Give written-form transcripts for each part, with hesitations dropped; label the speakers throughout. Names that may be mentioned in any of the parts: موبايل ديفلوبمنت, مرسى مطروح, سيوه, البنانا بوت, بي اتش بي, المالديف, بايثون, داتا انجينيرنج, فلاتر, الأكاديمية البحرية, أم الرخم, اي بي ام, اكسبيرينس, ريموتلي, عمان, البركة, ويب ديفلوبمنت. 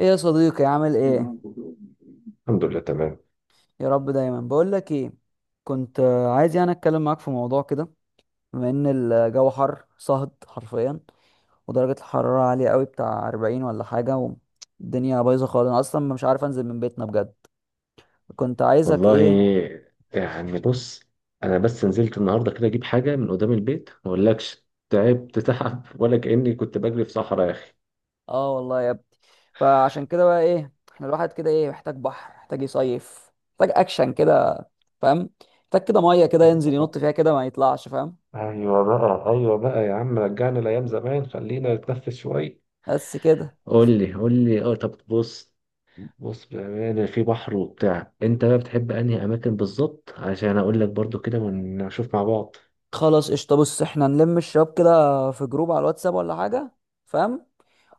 Speaker 1: ايه يا صديقي، عامل ايه؟
Speaker 2: الحمد لله تمام.
Speaker 1: يا رب دايما. بقول لك ايه، كنت عايز يعني اتكلم معاك في موضوع كده. بما ان الجو حر صهد حرفيا، ودرجة الحرارة عالية قوي، بتاع 40 ولا حاجة، والدنيا بايظة خالص. انا اصلا مش عارف انزل من بيتنا بجد. كنت عايزك
Speaker 2: والله،
Speaker 1: ايه.
Speaker 2: يعني بص، انا بس نزلت النهارده كده اجيب حاجه من قدام البيت، ما اقولكش تعبت تعب ولا كاني كنت بجري في صحراء يا اخي.
Speaker 1: اه، والله يا ابني. فعشان كده بقى ايه، احنا الواحد كده ايه، محتاج بحر، محتاج يصيف، محتاج اكشن كده، فاهم؟ محتاج كده مية كده
Speaker 2: ايوه
Speaker 1: ينزل ينط
Speaker 2: بقى،
Speaker 1: فيها كده ما يطلعش، فاهم؟
Speaker 2: ايوه بقى، ايوه بقى، يا عم، رجعنا لايام زمان، خلينا نتنفس شويه.
Speaker 1: بس كده.
Speaker 2: قول لي، قول لي، طب بص، بص بامانه، في بحر وبتاع، انت بقى بتحب انهي اماكن بالظبط عشان اقول لك برضو كده ونشوف مع بعض.
Speaker 1: خلاص قشطة، بص، احنا نلم الشباب كده في جروب على الواتساب ولا حاجة، فاهم؟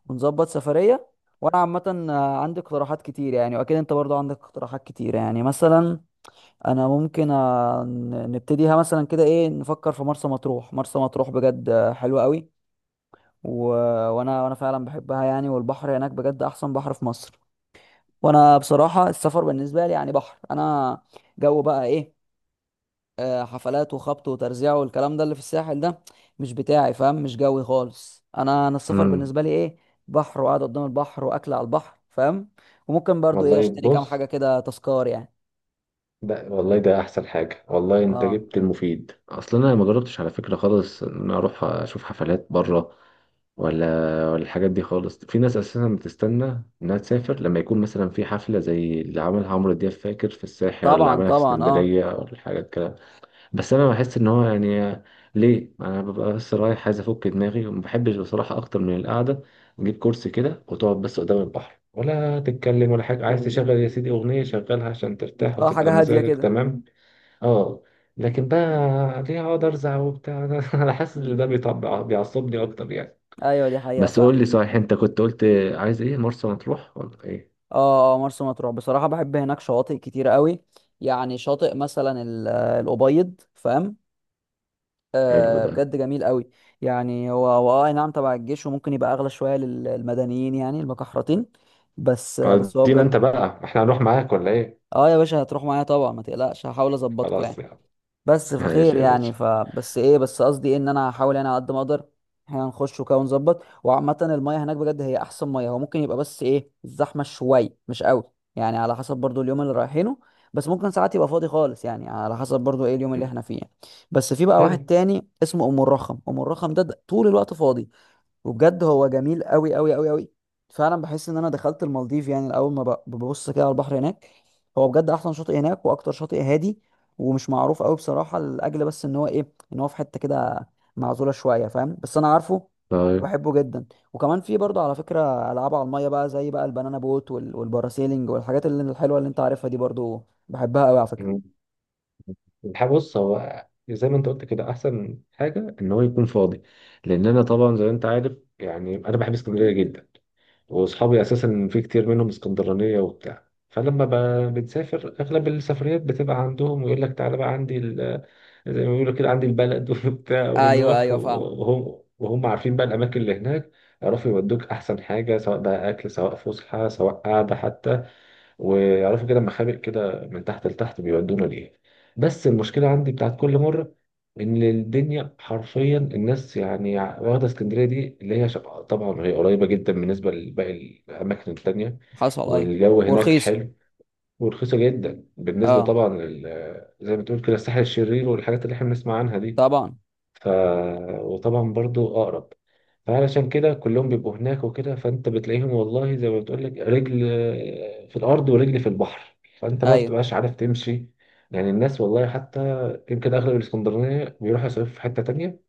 Speaker 1: ونظبط سفرية. وانا عامة عندي اقتراحات كتير يعني، واكيد انت برضو عندك اقتراحات كتير، يعني مثلا انا ممكن نبتديها مثلا كده، ايه، نفكر في مرسى مطروح. مرسى مطروح بجد حلوة قوي. و... وانا وانا فعلا بحبها يعني، والبحر هناك بجد احسن بحر في مصر. وانا بصراحة السفر بالنسبة لي يعني بحر. انا جو بقى ايه، حفلات وخبط وترزيع والكلام ده اللي في الساحل ده، مش بتاعي، فاهم؟ مش جوي خالص. انا السفر
Speaker 2: امم
Speaker 1: بالنسبه لي ايه، بحر وقعد قدام البحر واكل على البحر، فاهم؟ وممكن برضو ايه
Speaker 2: والله
Speaker 1: اشتري كام
Speaker 2: بص،
Speaker 1: حاجه كده تذكار يعني.
Speaker 2: ده والله ده احسن حاجه، والله انت
Speaker 1: اه،
Speaker 2: جبت المفيد، اصلا انا ما جربتش على فكره خالص ان أنا اروح اشوف حفلات بره ولا ولا الحاجات دي خالص. في ناس اساسا بتستنى انها تسافر لما يكون مثلا في حفله زي اللي عملها عمرو دياب، فاكر في الساحل ولا
Speaker 1: طبعا
Speaker 2: عملها في
Speaker 1: طبعا، اه.
Speaker 2: اسكندريه ولا الحاجات كده. بس انا بحس ان هو يعني ليه انا ببقى بس رايح عايز افك دماغي، وما بحبش بصراحه اكتر من القعده. نجيب كرسي كده وتقعد بس قدام البحر، ولا تتكلم ولا حاجه، عايز تشغل يا سيدي اغنيه شغلها عشان ترتاح
Speaker 1: اه،
Speaker 2: وتبقى
Speaker 1: حاجه هاديه
Speaker 2: مزاجك
Speaker 1: كده.
Speaker 2: تمام. اه، لكن بقى، ليه اقعد ارزع وبتاع؟ انا حاسس ان ده بيطبع بيعصبني اكتر يعني.
Speaker 1: ايوه، دي حقيقه
Speaker 2: بس
Speaker 1: فعلا.
Speaker 2: قول لي صحيح، انت كنت قلت عايز ايه، مرسى مطروح ولا ايه؟
Speaker 1: اه اه، مرسى مطروح بصراحه بحب هناك شواطئ كتير قوي. يعني شاطئ مثلا الابيض، فاهم؟
Speaker 2: حلو
Speaker 1: آه
Speaker 2: ده.
Speaker 1: بجد جميل قوي. يعني هو هو، اه، أي نعم، تبع الجيش، وممكن يبقى اغلى شويه للمدنيين يعني، المكحرتين. بس آه، بس هو
Speaker 2: ادينا
Speaker 1: بجد.
Speaker 2: انت بقى، احنا هنروح معاك ولا ايه؟
Speaker 1: اه يا باشا، هتروح معايا طبعا ما تقلقش، هحاول اظبطكوا
Speaker 2: خلاص
Speaker 1: يعني.
Speaker 2: يعني.
Speaker 1: بس فخير
Speaker 2: ماشي يا
Speaker 1: يعني،
Speaker 2: باشا.
Speaker 1: فبس ايه، بس قصدي إيه، ان انا هحاول انا على قد ما اقدر. احنا نخش وكده ونظبط. وعامة المية هناك بجد هي احسن مية. هو ممكن يبقى بس ايه الزحمة شوية، مش قوي يعني، على حسب برضو اليوم اللي رايحينه. بس ممكن ساعات يبقى فاضي خالص، يعني على حسب برضو ايه اليوم اللي احنا فيه يعني. بس في بقى واحد
Speaker 2: حلو.
Speaker 1: تاني اسمه ام الرخم. ام الرخم ده طول الوقت فاضي، وبجد هو جميل قوي قوي قوي قوي. فعلا بحس ان انا دخلت المالديف يعني، اول ما ببص كده على البحر هناك. هو بجد احسن شاطئ هناك، واكتر شاطئ هادي ومش معروف قوي بصراحه، لاجل بس ان هو ايه، ان هو في حته كده معزوله شويه، فاهم؟ بس انا عارفه
Speaker 2: طيب.
Speaker 1: وبحبه جدا. وكمان في برضه على فكره العاب على الميه بقى، زي بقى البنانا بوت والباراسيلينج والحاجات اللي الحلوه اللي انت عارفها دي، برضه بحبها قوي على فكره.
Speaker 2: مم. الحق بص، هو زي ما انت قلت كده احسن حاجه ان هو يكون فاضي، لان انا طبعا زي ما انت عارف يعني انا بحب اسكندريه جدا. واصحابي اساسا في كتير منهم اسكندرانيه وبتاع، فلما بنسافر اغلب السفريات بتبقى عندهم، ويقول لك تعالى بقى عندي زي ما بيقولوا كده عندي البلد وبتاع،
Speaker 1: ايوه
Speaker 2: ونروح،
Speaker 1: ايوه، فاهم.
Speaker 2: وهم عارفين بقى الاماكن اللي هناك. يعرفوا يودوك احسن حاجه، سواء بقى اكل، سواء فسحه، سواء قعده حتى، ويعرفوا كده مخابئ كده من تحت لتحت، بيودونا لإيه. بس المشكلة عندي بتاعت كل مرة إن الدنيا حرفيا الناس، يعني واخدة اسكندرية دي اللي هي طبعا هي قريبة جدا بالنسبة لباقي الأماكن التانية.
Speaker 1: حصل، ايوه.
Speaker 2: والجو هناك
Speaker 1: ورخيصه.
Speaker 2: حلو، ورخيصة جدا بالنسبة
Speaker 1: اه
Speaker 2: طبعا زي ما تقول كده الساحل الشرير، والحاجات اللي احنا بنسمع عنها دي.
Speaker 1: طبعا.
Speaker 2: ف... وطبعا برضو أقرب، فعلشان كده كلهم بيبقوا هناك وكده، فأنت بتلاقيهم والله، زي ما بتقول لك، رجل في الأرض ورجل في البحر، فأنت ما
Speaker 1: ايوه
Speaker 2: بتبقاش عارف تمشي. يعني الناس والله، حتى يمكن أغلب الإسكندرانية بيروحوا يصيفوا في حتة تانية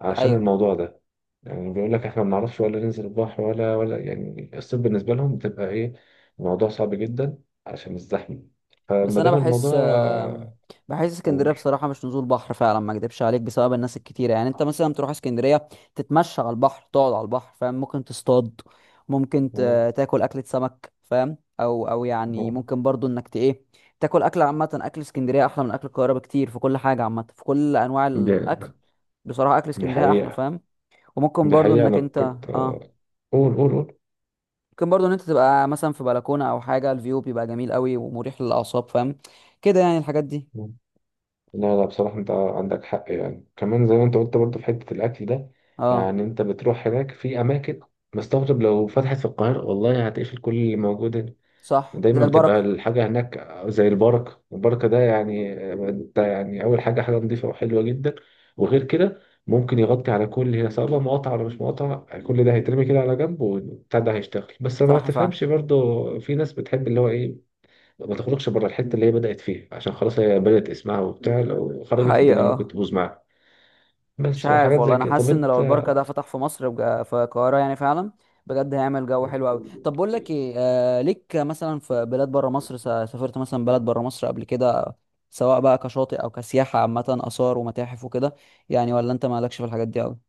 Speaker 2: عشان
Speaker 1: ايوه.
Speaker 2: الموضوع ده. يعني بيقول لك إحنا ما بنعرفش ولا ننزل البحر ولا يعني الصيف بالنسبة لهم بتبقى إيه، الموضوع صعب جدا عشان الزحمة،
Speaker 1: بس
Speaker 2: فما
Speaker 1: انا
Speaker 2: دام
Speaker 1: بحس
Speaker 2: الموضوع.
Speaker 1: بحس اسكندريه
Speaker 2: قول.
Speaker 1: بصراحه مش نزول بحر فعلا، ما اكدبش عليك، بسبب الناس الكتيره. يعني انت مثلا تروح اسكندريه تتمشى على البحر، تقعد على البحر، فاهم؟ ممكن تصطاد، ممكن
Speaker 2: آه،
Speaker 1: تاكل اكله سمك، فاهم؟ او يعني
Speaker 2: آه،
Speaker 1: ممكن برضو انك ت ايه، تاكل اكل عامه. اكل اسكندريه احلى من اكل القاهره بكتير، في كل حاجه عامه، في كل انواع
Speaker 2: دي
Speaker 1: الاكل. بصراحه اكل
Speaker 2: دي
Speaker 1: اسكندريه احلى،
Speaker 2: حقيقة.
Speaker 1: فاهم؟ وممكن
Speaker 2: دي
Speaker 1: برضو
Speaker 2: حقيقة.
Speaker 1: انك
Speaker 2: أنا
Speaker 1: انت
Speaker 2: كنت
Speaker 1: اه،
Speaker 2: قول، قول.
Speaker 1: ممكن برضو ان انت تبقى مثلا في بلكونه او حاجه، الفيو بيبقى جميل قوي ومريح للاعصاب، فاهم؟ كده يعني الحاجات دي.
Speaker 2: قول لا، لا، بصراحة أنت عندك حق، يعني كمان زي ما أنت قلت برضه في حتة الأكل ده.
Speaker 1: اه،
Speaker 2: يعني أنت بتروح هناك في أماكن، مستغرب لو فتحت في القاهرة، والله هتقفل كل اللي موجود هنا.
Speaker 1: صح، زي
Speaker 2: دايما بتبقى
Speaker 1: البركة.
Speaker 2: الحاجة هناك زي البركة. البركة ده يعني أنت يعني أول حاجة، حاجة نظيفة وحلوة جدا. وغير كده ممكن يغطي على كل هي، سواء بقى مقاطعة ولا مش مقاطعة، كل ده هيترمي كده على جنب، والبتاع ده هيشتغل، بس ما
Speaker 1: صح فعلا.
Speaker 2: تفهمش برضه. في ناس بتحب اللي هو إيه، ما تخرجش بره الحته اللي هي بدات فيها، عشان خلاص هي بدات اسمها وبتاع، لو خرجت
Speaker 1: حقيقة،
Speaker 2: الدنيا ممكن
Speaker 1: اه.
Speaker 2: تبوظ معاها.
Speaker 1: مش
Speaker 2: بس
Speaker 1: عارف
Speaker 2: وحاجات
Speaker 1: والله،
Speaker 2: زي
Speaker 1: انا
Speaker 2: كده. طب
Speaker 1: حاسس ان لو
Speaker 2: انت،
Speaker 1: البركة ده فتح في مصر في القاهرة يعني، فعلا بجد هيعمل جو حلو قوي. طب بقول لك ايه، آه ليك مثلا في بلاد بره مصر، سافرت مثلا بلد بره مصر قبل كده، سواء بقى كشاطئ او كسياحة عامة، آثار ومتاحف وكده يعني، ولا انت مالكش في الحاجات دي قوي؟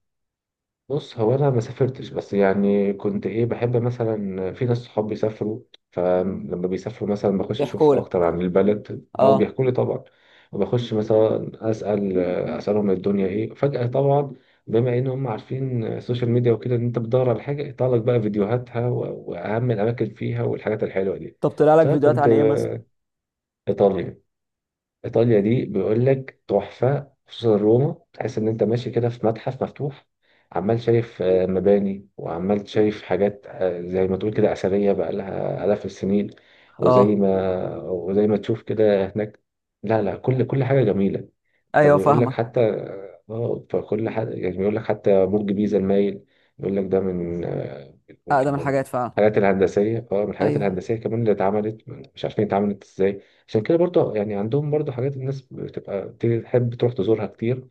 Speaker 2: بص هو انا ما سافرتش، بس يعني كنت ايه بحب مثلا في ناس صحاب بيسافروا، فلما بيسافروا مثلا بخش
Speaker 1: بيحكوا
Speaker 2: اشوف اكتر
Speaker 1: لك،
Speaker 2: عن البلد، او
Speaker 1: اه.
Speaker 2: بيحكوا لي طبعا، وبخش مثلا اسالهم الدنيا ايه فجاه طبعا، بما ان هم عارفين السوشيال ميديا وكده ان انت بتدور على حاجه يطلع لك بقى فيديوهاتها و- واهم الاماكن فيها والحاجات الحلوه دي.
Speaker 1: طب طلع لك فيديوهات
Speaker 2: فكنت،
Speaker 1: عن ايه مثلا؟
Speaker 2: إيطاليا. إيطاليا دي بيقول لك تحفة، خصوصا روما، تحس إن أنت ماشي كده في متحف مفتوح، عمال شايف مباني، وعمال شايف حاجات زي ما تقول كده أثرية بقى لها آلاف السنين. وزي
Speaker 1: اه،
Speaker 2: ما وزي ما تشوف كده هناك. لا، لا، كل حاجة جميلة. طب
Speaker 1: ايوه،
Speaker 2: يقول لك
Speaker 1: فاهمك.
Speaker 2: حتى، اه فكل حد يعني بيقول لك حتى برج بيزا المايل. يقول لك ده من من
Speaker 1: اقدم
Speaker 2: من
Speaker 1: الحاجات فعلا.
Speaker 2: الحاجات الهندسية، من الحاجات
Speaker 1: ايوه.
Speaker 2: الهندسية كمان اللي اتعملت، مش عارفين اتعملت ازاي. عشان كده برضه يعني عندهم برضه حاجات الناس بتبقى تحب تروح تزورها كتير،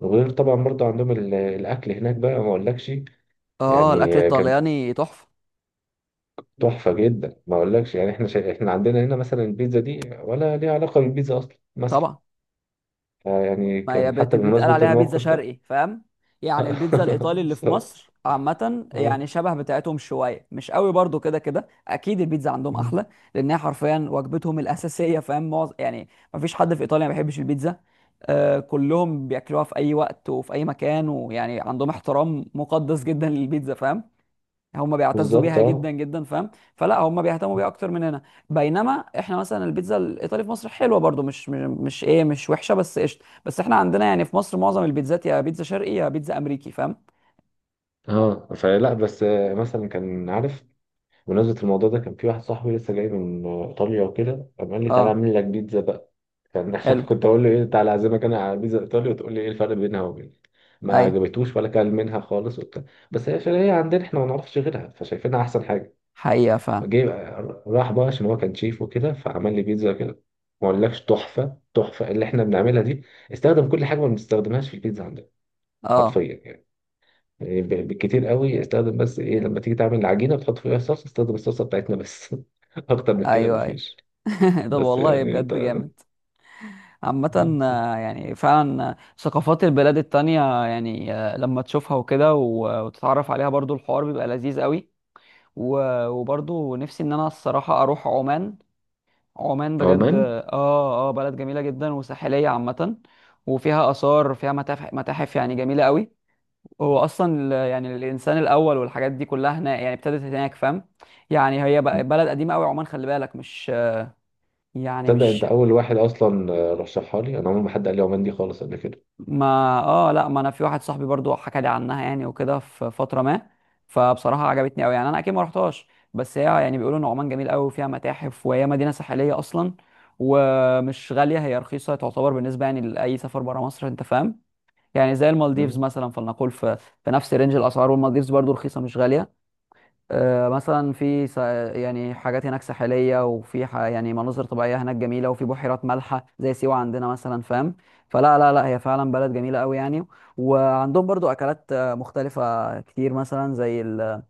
Speaker 2: وغير طبعا برضه عندهم الأكل هناك بقى ما أقولكش.
Speaker 1: اه، الاكل
Speaker 2: يعني كان
Speaker 1: الطلياني تحفة.
Speaker 2: تحفة جدا ما أقولكش، يعني احنا احنا عندنا هنا مثلا البيتزا دي، ولا ليها علاقة بالبيتزا أصلا مثلا.
Speaker 1: طبعا،
Speaker 2: يعني
Speaker 1: ما هي
Speaker 2: كان حتى
Speaker 1: بتقال
Speaker 2: بمناسبة
Speaker 1: عليها بيتزا
Speaker 2: الموقف ده.
Speaker 1: شرقي، فاهم؟ يعني البيتزا الايطالي اللي
Speaker 2: بس-
Speaker 1: في مصر عامه
Speaker 2: اه
Speaker 1: يعني شبه بتاعتهم شويه، مش قوي برضو كده، كده اكيد البيتزا عندهم
Speaker 2: مم.
Speaker 1: احلى، لانها حرفيا وجبتهم الاساسيه، فاهم؟ معظم يعني، ما فيش حد في ايطاليا ما بيحبش البيتزا. آه، كلهم بياكلوها في اي وقت وفي اي مكان، ويعني عندهم احترام مقدس جدا للبيتزا، فاهم؟ هم بيعتزوا
Speaker 2: بالظبط،
Speaker 1: بيها جدا
Speaker 2: اه،
Speaker 1: جدا، فاهم؟ فلا، هم بيهتموا بيها اكتر مننا. بينما احنا مثلا البيتزا الايطالي في مصر حلوه برضو، مش ايه، مش وحشه بس قشطه، بس احنا عندنا يعني في مصر معظم البيتزات يا بيتزا شرقي يا بيتزا امريكي، فاهم؟
Speaker 2: اه، فلا بس مثلا كان عارف، بمناسبة الموضوع ده كان في واحد صاحبي لسه جاي من ايطاليا وكده، قام قال لي تعالى
Speaker 1: اه،
Speaker 2: اعمل لك بيتزا بقى. كان
Speaker 1: حلو.
Speaker 2: كنت اقول له ايه، تعالى اعزمك انا على بيتزا ايطاليا وتقول لي ايه الفرق بينها وبين؟ ما
Speaker 1: ايوه،
Speaker 2: عجبتوش ولا كان منها خالص وبتاع، بس هي عشان هي عندنا احنا ما نعرفش غيرها فشايفينها احسن حاجة.
Speaker 1: حقيقه فعلا.
Speaker 2: جاي راح بقى عشان هو كان شيف وكده، فعمل لي بيتزا كده ما اقولكش تحفة. تحفة اللي احنا بنعملها دي، استخدم كل حاجة ما بنستخدمهاش في البيتزا
Speaker 1: اه،
Speaker 2: حرفيا يعني بالكتير قوي، استخدم بس ايه لما تيجي تعمل العجينه وتحط فيها الصلصه، استخدم الصلصه بتاعتنا بس. اكتر من كده
Speaker 1: ايوه ايوه.
Speaker 2: مفيش.
Speaker 1: طب
Speaker 2: بس
Speaker 1: والله
Speaker 2: يعني انت،
Speaker 1: بجد جامد. عامة يعني فعلا ثقافات البلاد التانية، يعني لما تشوفها وكده وتتعرف عليها، برضو الحوار بيبقى لذيذ قوي. وبرضو نفسي ان انا الصراحة اروح عمان. عمان بجد،
Speaker 2: عمان،
Speaker 1: اه اه، بلد جميلة جدا وساحلية عامة، وفيها آثار، فيها متاحف يعني جميلة قوي. هو أصلا يعني الإنسان الأول والحاجات دي كلها هناك يعني ابتدت هناك، فاهم؟ يعني هي بلد قديمة قوي عمان، خلي بالك، مش يعني
Speaker 2: تصدق انت
Speaker 1: مش
Speaker 2: اول واحد اصلا رشحها لي؟ انا عمري ما حد قال لي عمان دي خالص قبل كده.
Speaker 1: ما، اه، لا، ما انا في واحد صاحبي برضو حكى لي عنها يعني، وكده في فتره ما. فبصراحه عجبتني قوي يعني، انا اكيد ما رحتهاش. بس هي يعني بيقولوا ان عمان جميل قوي وفيها متاحف، وهي مدينه ساحليه اصلا، ومش غاليه، هي رخيصه تعتبر بالنسبه يعني لاي سفر بره مصر، انت فاهم؟ يعني زي المالديفز
Speaker 2: مم.
Speaker 1: مثلا، فلنقول في نفس رينج الاسعار، والمالديفز برضو رخيصه مش غاليه. آه، مثلا في س- يعني حاجات هناك ساحليه، وفي يعني مناظر طبيعيه هناك جميله، وفي بحيرات مالحه زي سيوه عندنا مثلا، فاهم؟ فلا لا لا، هي فعلا بلد جميله قوي يعني. وعندهم برضو اكلات مختلفه كتير، مثلا زي ال...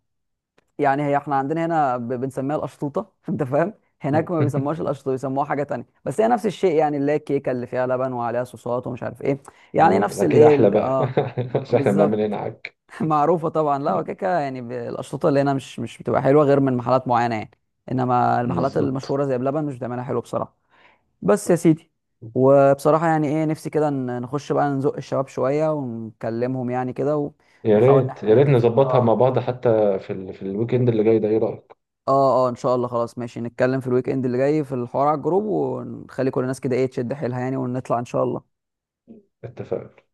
Speaker 1: يعني هي احنا عندنا هنا بنسميها الاشطوطه، انت فاهم؟ هناك ما بيسموهاش القشطه، بيسموها حاجه تانية، بس هي نفس الشيء، يعني اللي هي الكيكه اللي فيها لبن وعليها صوصات ومش عارف ايه. يعني
Speaker 2: اه،
Speaker 1: نفس
Speaker 2: اكيد
Speaker 1: الايه
Speaker 2: احلى بقى.
Speaker 1: اه.
Speaker 2: عشان احنا بنعمل هنا
Speaker 1: بالظبط.
Speaker 2: عك.
Speaker 1: معروفة طبعا، لا وكيكة يعني، الأشرطة اللي هنا مش بتبقى حلوة غير من محلات معينة يعني. إنما المحلات
Speaker 2: بالظبط.
Speaker 1: المشهورة زي بلبن مش بتعملها حلو بصراحة. بس يا سيدي، وبصراحة يعني إيه، نفسي كده نخش بقى نزق الشباب شوية ونكلمهم يعني كده،
Speaker 2: يا
Speaker 1: ونحاول إن
Speaker 2: ريت، يا
Speaker 1: إحنا
Speaker 2: ريت
Speaker 1: نتفق،
Speaker 2: نظبطها مع
Speaker 1: آه
Speaker 2: بعض، حتى في في الويك اند اللي جاي ده، ايه رايك؟
Speaker 1: آه آه، إن شاء الله. خلاص ماشي، نتكلم في الويك إند اللي جاي في الحوار على الجروب، ونخلي كل الناس كده إيه تشد حيلها يعني، ونطلع إن شاء الله.
Speaker 2: اتفقنا.